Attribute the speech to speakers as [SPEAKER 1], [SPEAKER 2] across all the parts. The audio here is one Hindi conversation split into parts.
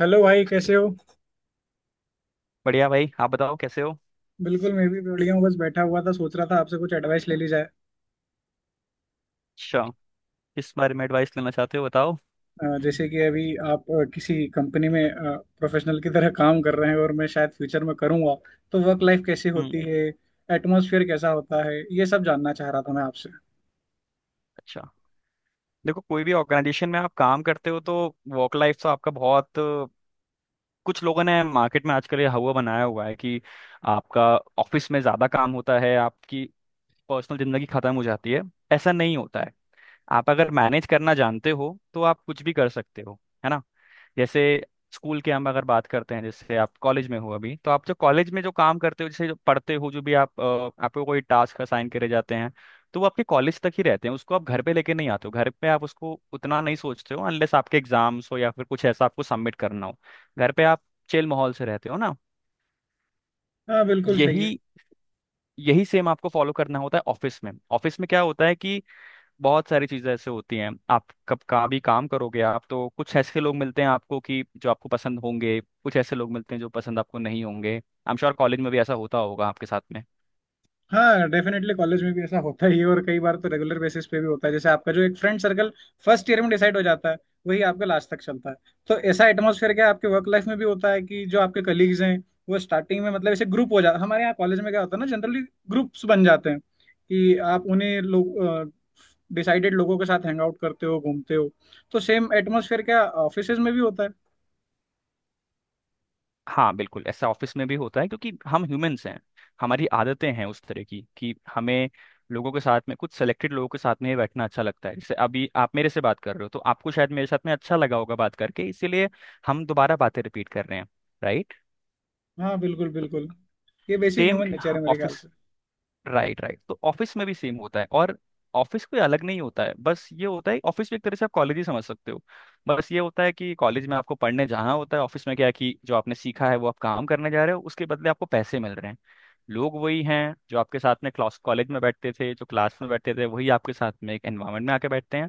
[SPEAKER 1] हेलो भाई कैसे हो।
[SPEAKER 2] बढ़िया भाई, आप बताओ कैसे हो।
[SPEAKER 1] बिल्कुल, मैं भी बढ़िया हूँ। बस बैठा हुआ था, सोच रहा था आपसे कुछ एडवाइस ले ली जाए।
[SPEAKER 2] अच्छा, किस बारे में एडवाइस लेना चाहते हो, बताओ।
[SPEAKER 1] जैसे कि अभी आप किसी कंपनी में प्रोफेशनल की तरह काम कर रहे हैं और मैं शायद फ्यूचर में करूँगा, तो वर्क लाइफ कैसी
[SPEAKER 2] हम्म।
[SPEAKER 1] होती है, एटमॉस्फेयर कैसा होता है, ये सब जानना चाह रहा था मैं आपसे।
[SPEAKER 2] अच्छा, देखो कोई भी ऑर्गेनाइजेशन में आप काम करते हो तो वर्क लाइफ तो आपका बहुत कुछ, लोगों ने मार्केट में आजकल ये हवा बनाया हुआ है कि आपका ऑफिस में ज़्यादा काम होता है, आपकी पर्सनल ज़िंदगी ख़त्म हो जाती है। ऐसा नहीं होता है। आप अगर मैनेज करना जानते हो तो आप कुछ भी कर सकते हो, है ना। जैसे स्कूल के हम अगर बात करते हैं, जैसे आप कॉलेज में हो अभी, तो आप जो कॉलेज में जो काम करते हो, जैसे जो पढ़ते हो, जो भी आप आपको कोई टास्क असाइन करे जाते हैं, तो वो आपके कॉलेज तक ही रहते हैं, उसको आप घर पे लेके नहीं आते हो। घर पे आप उसको उतना नहीं सोचते हो, अनलेस आपके एग्जाम्स हो या फिर कुछ ऐसा आपको सबमिट करना हो। घर पे आप चिल माहौल से रहते हो ना।
[SPEAKER 1] हाँ, बिल्कुल सही
[SPEAKER 2] यही
[SPEAKER 1] है।
[SPEAKER 2] यही सेम आपको फॉलो करना होता है ऑफिस में। ऑफिस में क्या होता है कि बहुत सारी चीज़ें ऐसे होती हैं, आप कब कहाँ भी काम करोगे आप तो, कुछ ऐसे लोग मिलते हैं आपको कि जो आपको पसंद होंगे, कुछ ऐसे लोग मिलते हैं जो पसंद आपको नहीं होंगे। आई एम श्योर कॉलेज में भी ऐसा होता होगा आपके साथ में।
[SPEAKER 1] हाँ, डेफिनेटली कॉलेज में भी ऐसा होता ही है, और कई बार तो रेगुलर बेसिस पे भी होता है। जैसे आपका जो एक फ्रेंड सर्कल फर्स्ट ईयर में डिसाइड हो जाता है, वही आपका लास्ट तक चलता है। तो ऐसा एटमोसफेयर क्या आपके वर्क लाइफ में भी होता है कि जो आपके कलीग्स हैं वो स्टार्टिंग में मतलब ऐसे ग्रुप हो जाता है? हमारे यहाँ कॉलेज में क्या होता है ना, जनरली ग्रुप्स बन जाते हैं कि आप उन्हीं लोग डिसाइडेड लोगों के साथ हैंग आउट करते हो, घूमते हो। तो सेम एटमोसफेयर क्या ऑफिस में भी होता है।
[SPEAKER 2] हाँ, बिल्कुल ऐसा ऑफिस में भी होता है, क्योंकि हम ह्यूमंस हैं, हमारी आदतें हैं उस तरह की कि हमें लोगों के साथ में, कुछ सेलेक्टेड लोगों के साथ में ही बैठना अच्छा लगता है। जैसे अभी आप मेरे से बात कर रहे हो, तो आपको शायद मेरे साथ में अच्छा लगा होगा बात करके, इसीलिए हम दोबारा बातें रिपीट कर रहे हैं, राइट।
[SPEAKER 1] हाँ, बिल्कुल
[SPEAKER 2] तो
[SPEAKER 1] बिल्कुल। ये बेसिक
[SPEAKER 2] सेम
[SPEAKER 1] ह्यूमन नेचर है मेरे
[SPEAKER 2] ऑफिस,
[SPEAKER 1] ख्याल से।
[SPEAKER 2] राइट राइट, तो ऑफिस में भी सेम होता है और ऑफिस कोई अलग नहीं होता है। बस ये होता है, ऑफिस भी एक तरह से आप कॉलेज ही समझ सकते हो। बस ये होता है कि कॉलेज में आपको पढ़ने जाना होता है, ऑफिस में क्या है कि जो आपने सीखा है वो आप काम करने जा रहे हो, उसके बदले आपको पैसे मिल रहे हैं। लोग वही हैं जो आपके साथ में क्लास, कॉलेज में बैठते थे, जो क्लास में बैठते थे वही आपके साथ में एक एनवायरनमेंट में आके बैठते हैं।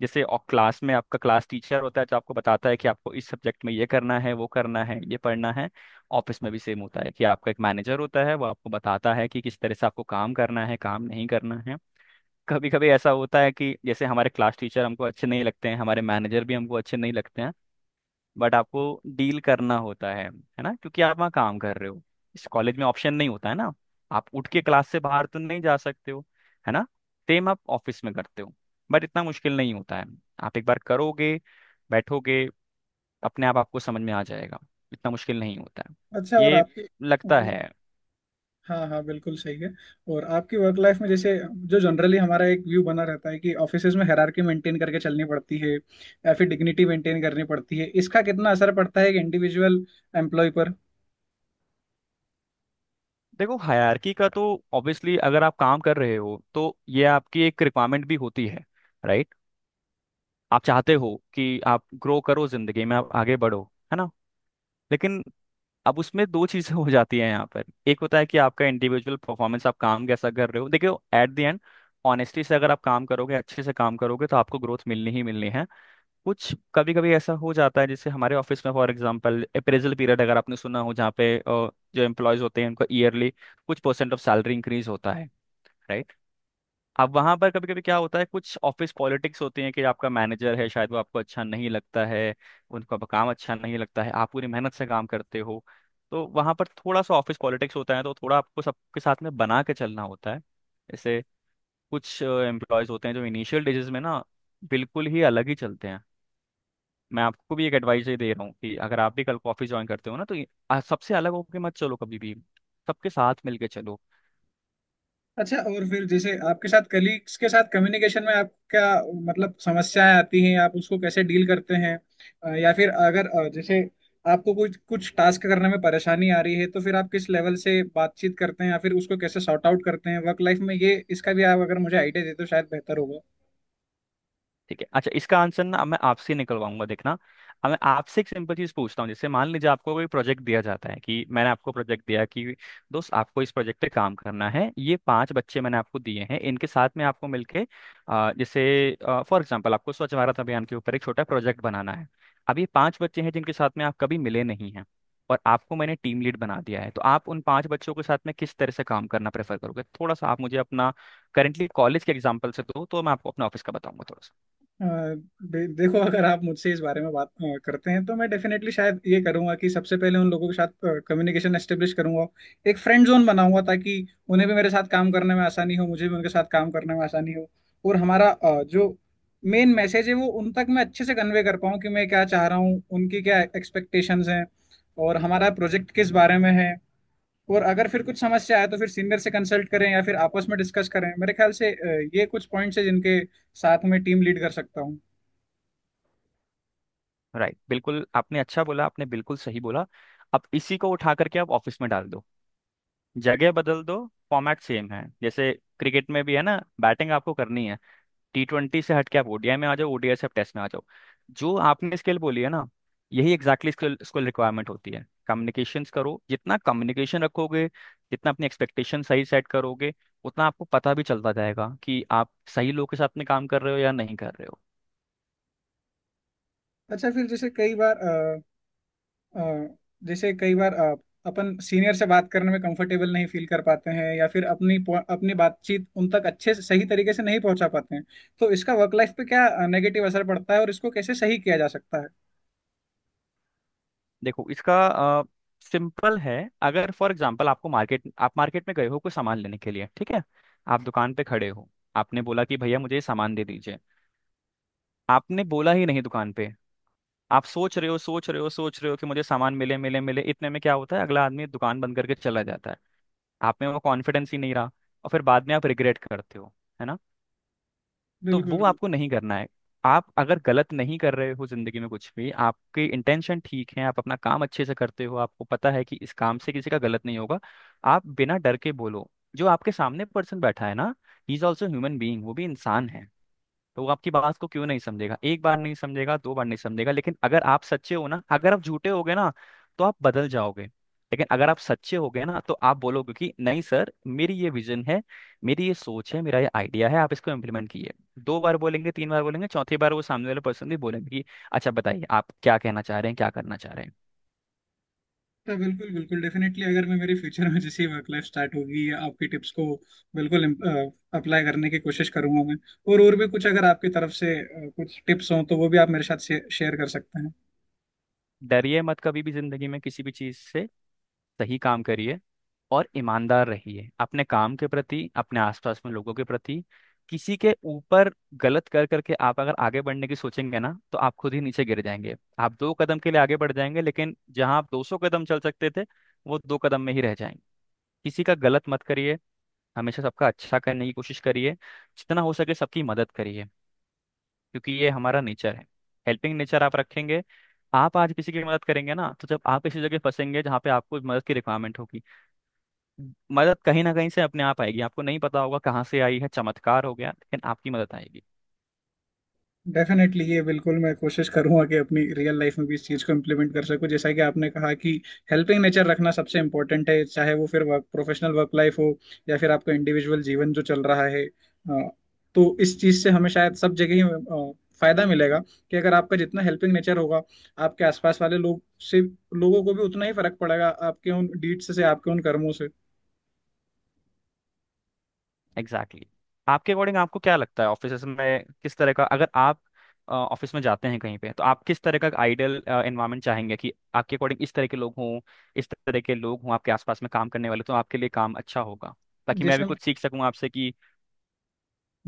[SPEAKER 2] जैसे और क्लास में आपका क्लास टीचर होता है जो आपको बताता है कि आपको इस सब्जेक्ट में ये करना है, वो करना है, ये पढ़ना है, ऑफिस में भी सेम होता है कि आपका एक मैनेजर होता है, वो आपको बताता है कि किस तरह से आपको काम करना है, काम नहीं करना है। कभी कभी ऐसा होता है कि जैसे हमारे क्लास टीचर हमको अच्छे नहीं लगते हैं, हमारे मैनेजर भी हमको अच्छे नहीं लगते हैं, बट आपको डील करना होता है ना, क्योंकि आप वहाँ काम कर रहे हो। इस कॉलेज में ऑप्शन नहीं होता है ना, आप उठ के क्लास से बाहर तो नहीं जा सकते हो, है ना। सेम आप ऑफिस में करते हो, बट इतना मुश्किल नहीं होता है। आप एक बार करोगे, बैठोगे, अपने आप आपको समझ में आ जाएगा, इतना मुश्किल नहीं होता है,
[SPEAKER 1] अच्छा, और
[SPEAKER 2] ये
[SPEAKER 1] आपकी।
[SPEAKER 2] लगता है।
[SPEAKER 1] हाँ हाँ, बिल्कुल सही है। और आपकी वर्क लाइफ में, जैसे जो जनरली हमारा एक व्यू बना रहता है कि ऑफिसेज में हायरार्की मेंटेन करके चलनी पड़ती है या फिर डिग्निटी मेंटेन करनी पड़ती है, इसका कितना असर पड़ता है एक इंडिविजुअल एम्प्लॉय पर।
[SPEAKER 2] देखो हायरार्की का तो ऑब्वियसली अगर आप काम कर रहे हो तो ये आपकी एक रिक्वायरमेंट भी होती है, राइट। आप चाहते हो कि आप ग्रो करो जिंदगी में, आप आगे बढ़ो, है ना। लेकिन अब उसमें दो चीजें हो जाती हैं यहाँ पर। एक होता है कि आपका इंडिविजुअल परफॉर्मेंस, आप काम कैसा कर रहे हो, देखियो एट द एंड ऑनेस्टी से अगर आप काम करोगे, अच्छे से काम करोगे, तो आपको ग्रोथ मिलनी ही मिलनी है। कुछ कभी कभी ऐसा हो जाता है, जैसे हमारे ऑफिस में फॉर एग्जांपल अप्रेजल पीरियड, अगर आपने सुना हो, जहाँ पे जो एम्प्लॉयज होते हैं उनका ईयरली कुछ परसेंट ऑफ सैलरी इंक्रीज होता है, राइट। अब वहां पर कभी कभी क्या होता है, कुछ ऑफिस पॉलिटिक्स होती है कि आपका मैनेजर है, शायद वो आपको अच्छा नहीं लगता है, उनका काम अच्छा नहीं लगता है, आप पूरी मेहनत से काम करते हो, तो वहां पर थोड़ा सा ऑफिस पॉलिटिक्स होता है, तो थोड़ा आपको सबके साथ में बना के चलना होता है। जैसे कुछ एम्प्लॉयज होते हैं जो इनिशियल डेजेस में ना बिल्कुल ही अलग ही चलते हैं। मैं आपको भी एक एडवाइस ही दे रहा हूँ कि अगर आप भी कल कॉफी ज्वाइन करते हो ना, तो सबसे अलग होके मत चलो कभी भी, सबके साथ मिलके चलो।
[SPEAKER 1] अच्छा, और फिर जैसे आपके साथ कलीग्स के साथ कम्युनिकेशन में आप क्या, मतलब समस्याएं आती हैं, आप उसको कैसे डील करते हैं? या फिर अगर जैसे आपको कुछ कुछ टास्क करने में परेशानी आ रही है तो फिर आप किस लेवल से बातचीत करते हैं या फिर उसको कैसे सॉर्ट आउट करते हैं वर्क लाइफ में, ये इसका भी आप अगर मुझे आइडिया दे तो शायद बेहतर होगा।
[SPEAKER 2] ठीक है, अच्छा इसका आंसर ना अब मैं आपसे निकलवाऊंगा, देखना। अब मैं आपसे एक सिंपल चीज पूछता हूँ, जैसे मान लीजिए आपको कोई प्रोजेक्ट दिया जाता है, कि मैंने आपको प्रोजेक्ट दिया कि दोस्त आपको इस प्रोजेक्ट पे काम करना है, ये पांच बच्चे मैंने आपको दिए हैं, इनके साथ में आपको मिलके जैसे फॉर एग्जांपल आपको स्वच्छ भारत अभियान के ऊपर एक छोटा प्रोजेक्ट बनाना है। अब ये पांच बच्चे हैं जिनके साथ में आप कभी मिले नहीं हैं, और आपको मैंने टीम लीड बना दिया है, तो आप उन पांच बच्चों के साथ में किस तरह से काम करना प्रेफर करोगे, थोड़ा सा आप मुझे अपना करेंटली कॉलेज के एग्जाम्पल से दो, तो मैं आपको अपने ऑफिस का बताऊंगा थोड़ा सा।
[SPEAKER 1] देखो, अगर आप मुझसे इस बारे में बात करते हैं तो मैं डेफिनेटली शायद ये करूंगा कि सबसे पहले उन लोगों के साथ कम्युनिकेशन एस्टेब्लिश करूंगा, एक फ्रेंड जोन बनाऊंगा, ताकि उन्हें भी मेरे साथ काम करने में आसानी हो, मुझे भी उनके साथ काम करने में आसानी हो। और हमारा जो मेन मैसेज है वो उन तक मैं अच्छे से कन्वे कर पाऊँ कि मैं क्या चाह रहा हूँ, उनकी क्या एक्सपेक्टेशंस हैं, और हमारा प्रोजेक्ट किस बारे में है। और अगर फिर कुछ समस्या आए तो फिर सीनियर से कंसल्ट करें या फिर आपस में डिस्कस करें। मेरे ख्याल से ये कुछ पॉइंट्स हैं जिनके साथ मैं टीम लीड कर सकता हूँ।
[SPEAKER 2] राइट, बिल्कुल आपने अच्छा बोला, आपने बिल्कुल सही बोला। अब इसी को उठा करके आप ऑफिस में डाल दो, जगह बदल दो, फॉर्मेट सेम है। जैसे क्रिकेट में भी है ना, बैटिंग आपको करनी है, टी ट्वेंटी से हट के आप ओडीआई में आ जाओ, ओडीआई से आप टेस्ट में आ जाओ। जो आपने स्किल बोली है ना, यही एग्जैक्टली स्किल, रिक्वायरमेंट होती है। कम्युनिकेशंस करो, जितना कम्युनिकेशन रखोगे, जितना अपनी एक्सपेक्टेशन सही सेट करोगे, उतना आपको पता भी चलता जाएगा कि आप सही लोग के साथ में काम कर रहे हो या नहीं कर रहे हो।
[SPEAKER 1] अच्छा, फिर जैसे कई बार अ, अ, जैसे कई बार अ, अपन सीनियर से बात करने में कंफर्टेबल नहीं फील कर पाते हैं या फिर अपनी बातचीत उन तक अच्छे से सही तरीके से नहीं पहुंचा पाते हैं, तो इसका वर्क लाइफ पे क्या नेगेटिव असर पड़ता है और इसको कैसे सही किया जा सकता है?
[SPEAKER 2] देखो इसका सिंपल है, अगर फॉर एग्जांपल आपको मार्केट, आप मार्केट में गए हो कोई सामान लेने के लिए, ठीक है। आप दुकान पे खड़े हो, आपने बोला कि भैया मुझे ये सामान दे दीजिए, आपने बोला ही नहीं दुकान पे, आप सोच रहे हो, सोच रहे हो कि मुझे सामान मिले, मिले, इतने में क्या होता है, अगला आदमी दुकान बंद करके चला जाता है। आप में वो कॉन्फिडेंस ही नहीं रहा, और फिर बाद में आप रिग्रेट करते हो, है ना। तो
[SPEAKER 1] बिल्कुल
[SPEAKER 2] वो आपको
[SPEAKER 1] बिल्कुल।
[SPEAKER 2] नहीं करना है। आप अगर गलत नहीं कर रहे हो जिंदगी में कुछ भी, आपके इंटेंशन ठीक है, आप अपना काम अच्छे से करते हो, आपको पता है कि इस काम से किसी का गलत नहीं होगा, आप बिना डर के बोलो। जो आपके सामने पर्सन बैठा है ना, he is also human being, वो भी इंसान है। तो वो आपकी बात को क्यों नहीं समझेगा, एक बार नहीं समझेगा, दो बार नहीं समझेगा, लेकिन अगर आप सच्चे हो ना। अगर आप झूठे हो गए ना तो आप बदल जाओगे, लेकिन अगर आप सच्चे हो गए ना, तो आप बोलोगे कि नहीं सर मेरी ये विजन है, मेरी ये सोच है, मेरा ये आइडिया है, आप इसको इम्प्लीमेंट कीजिए। दो बार बोलेंगे, तीन बार बोलेंगे, चौथी बार वो सामने वाले पर्सन भी बोलेंगे कि अच्छा बताइए, आप क्या कहना चाह रहे हैं, क्या करना चाह रहे हैं।
[SPEAKER 1] तो बिल्कुल बिल्कुल, डेफिनेटली अगर मैं, मेरी फ्यूचर में जैसे वर्क लाइफ स्टार्ट होगी, या आपकी टिप्स को बिल्कुल अप्लाई करने की कोशिश करूंगा मैं। और भी कुछ अगर आपकी तरफ से कुछ टिप्स हों तो वो भी आप मेरे साथ शेयर कर सकते हैं।
[SPEAKER 2] डरिए मत कभी भी जिंदगी में किसी भी चीज से, सही काम करिए और ईमानदार रहिए अपने काम के प्रति, अपने आसपास में लोगों के प्रति। किसी के ऊपर गलत कर करके आप अगर आगे बढ़ने की सोचेंगे ना, तो आप खुद ही नीचे गिर जाएंगे। आप दो कदम के लिए आगे बढ़ जाएंगे, लेकिन जहां आप 200 कदम चल सकते थे, वो दो कदम में ही रह जाएंगे। किसी का गलत मत करिए, हमेशा सबका अच्छा करने की कोशिश करिए, जितना हो सके सबकी मदद करिए, क्योंकि ये हमारा नेचर है। हेल्पिंग नेचर आप रखेंगे, आप आज किसी की मदद करेंगे ना, तो जब आप किसी जगह फंसेंगे जहाँ पे आपको मदद की रिक्वायरमेंट होगी, मदद कहीं ना कहीं से अपने आप आएगी, आपको नहीं पता होगा कहाँ से आई है, चमत्कार हो गया, लेकिन आपकी मदद आएगी।
[SPEAKER 1] डेफिनेटली, ये बिल्कुल मैं कोशिश करूंगा कि अपनी रियल लाइफ में भी इस चीज़ को इम्प्लीमेंट कर सकूं। जैसा कि आपने कहा कि हेल्पिंग नेचर रखना सबसे इंपॉर्टेंट है, चाहे वो फिर वर्क, प्रोफेशनल वर्क लाइफ हो या फिर आपका इंडिविजुअल जीवन जो चल रहा है। तो इस चीज़ से हमें शायद सब जगह ही फायदा मिलेगा। कि अगर आपका जितना हेल्पिंग नेचर होगा, आपके आसपास वाले लोग से लोगों को भी उतना ही फर्क पड़ेगा, आपके उन डीड्स से, आपके उन कर्मों से।
[SPEAKER 2] Exactly, exactly. आपके अकॉर्डिंग आपको क्या लगता है ऑफिस में किस तरह का, अगर आप ऑफिस में जाते हैं कहीं पे, तो आप किस तरह का आइडियल एनवायरनमेंट चाहेंगे, कि आपके अकॉर्डिंग इस तरह के लोग हों, इस तरह के लोग हों आपके आसपास में काम करने वाले, तो आपके लिए काम अच्छा होगा, ताकि मैं
[SPEAKER 1] जैसे
[SPEAKER 2] भी
[SPEAKER 1] हम,
[SPEAKER 2] कुछ सीख सकूं आपसे कि।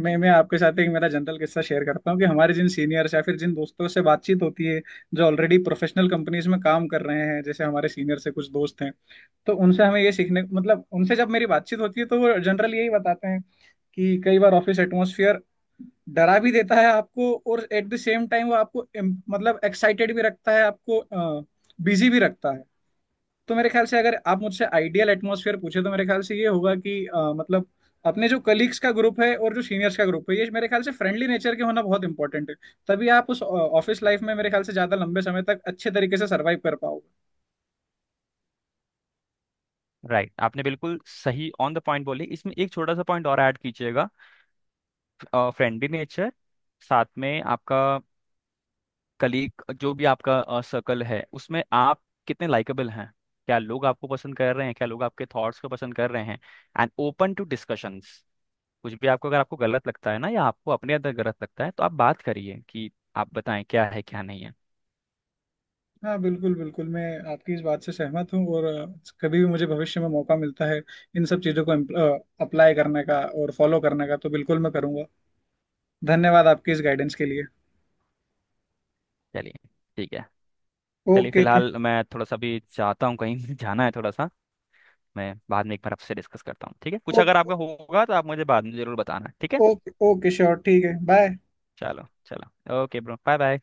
[SPEAKER 1] मैं आपके साथ एक मेरा जनरल किस्सा शेयर करता हूँ कि हमारे जिन सीनियर्स या फिर जिन दोस्तों से बातचीत होती है, जो ऑलरेडी प्रोफेशनल कंपनीज में काम कर रहे हैं, जैसे हमारे सीनियर से कुछ दोस्त हैं, तो उनसे हमें ये सीखने, मतलब उनसे जब मेरी बातचीत होती है तो वो जनरल यही बताते हैं कि कई बार ऑफिस एटमोसफियर डरा भी देता है आपको, और एट द सेम टाइम वो आपको मतलब एक्साइटेड भी रखता है आपको, बिजी भी रखता है। तो मेरे ख्याल से अगर आप मुझसे आइडियल एटमॉस्फेयर पूछे तो मेरे ख्याल से ये होगा कि मतलब अपने जो कलीग्स का ग्रुप है और जो सीनियर्स का ग्रुप है, ये मेरे ख्याल से फ्रेंडली नेचर के होना बहुत इंपॉर्टेंट है। तभी आप उस ऑफिस लाइफ में मेरे ख्याल से ज्यादा लंबे समय तक अच्छे तरीके से सरवाइव कर पाओगे।
[SPEAKER 2] राइट, आपने बिल्कुल सही ऑन द पॉइंट बोले, इसमें एक छोटा सा पॉइंट और ऐड कीजिएगा। फ्रेंडली नेचर साथ में आपका कलीग जो भी आपका सर्कल है, उसमें आप कितने लाइकेबल हैं, क्या लोग आपको पसंद कर रहे हैं, क्या लोग आपके थॉट्स को पसंद कर रहे हैं, एंड ओपन टू डिस्कशंस। कुछ भी आपको अगर आपको गलत लगता है ना, या आपको अपने अंदर गलत लगता है, तो आप बात करिए कि आप बताएं क्या है क्या नहीं है।
[SPEAKER 1] हाँ, बिल्कुल बिल्कुल, मैं आपकी इस बात से सहमत हूँ। और कभी भी मुझे भविष्य में मौका मिलता है इन सब चीज़ों को अप्लाई करने का और फॉलो करने का तो बिल्कुल मैं करूँगा। धन्यवाद आपकी इस गाइडेंस के लिए।
[SPEAKER 2] चलिए, ठीक है, चलिए
[SPEAKER 1] ओके।
[SPEAKER 2] फिलहाल मैं थोड़ा सा भी चाहता हूँ कहीं जाना है थोड़ा सा। मैं बाद में एक बार आपसे डिस्कस करता हूँ, ठीक है, कुछ अगर
[SPEAKER 1] ओके
[SPEAKER 2] आपका होगा तो आप मुझे बाद में जरूर बताना, ठीक है।
[SPEAKER 1] ओके। ओके श्योर, ठीक है, बाय।
[SPEAKER 2] चलो चलो, ओके ब्रो, बाय बाय।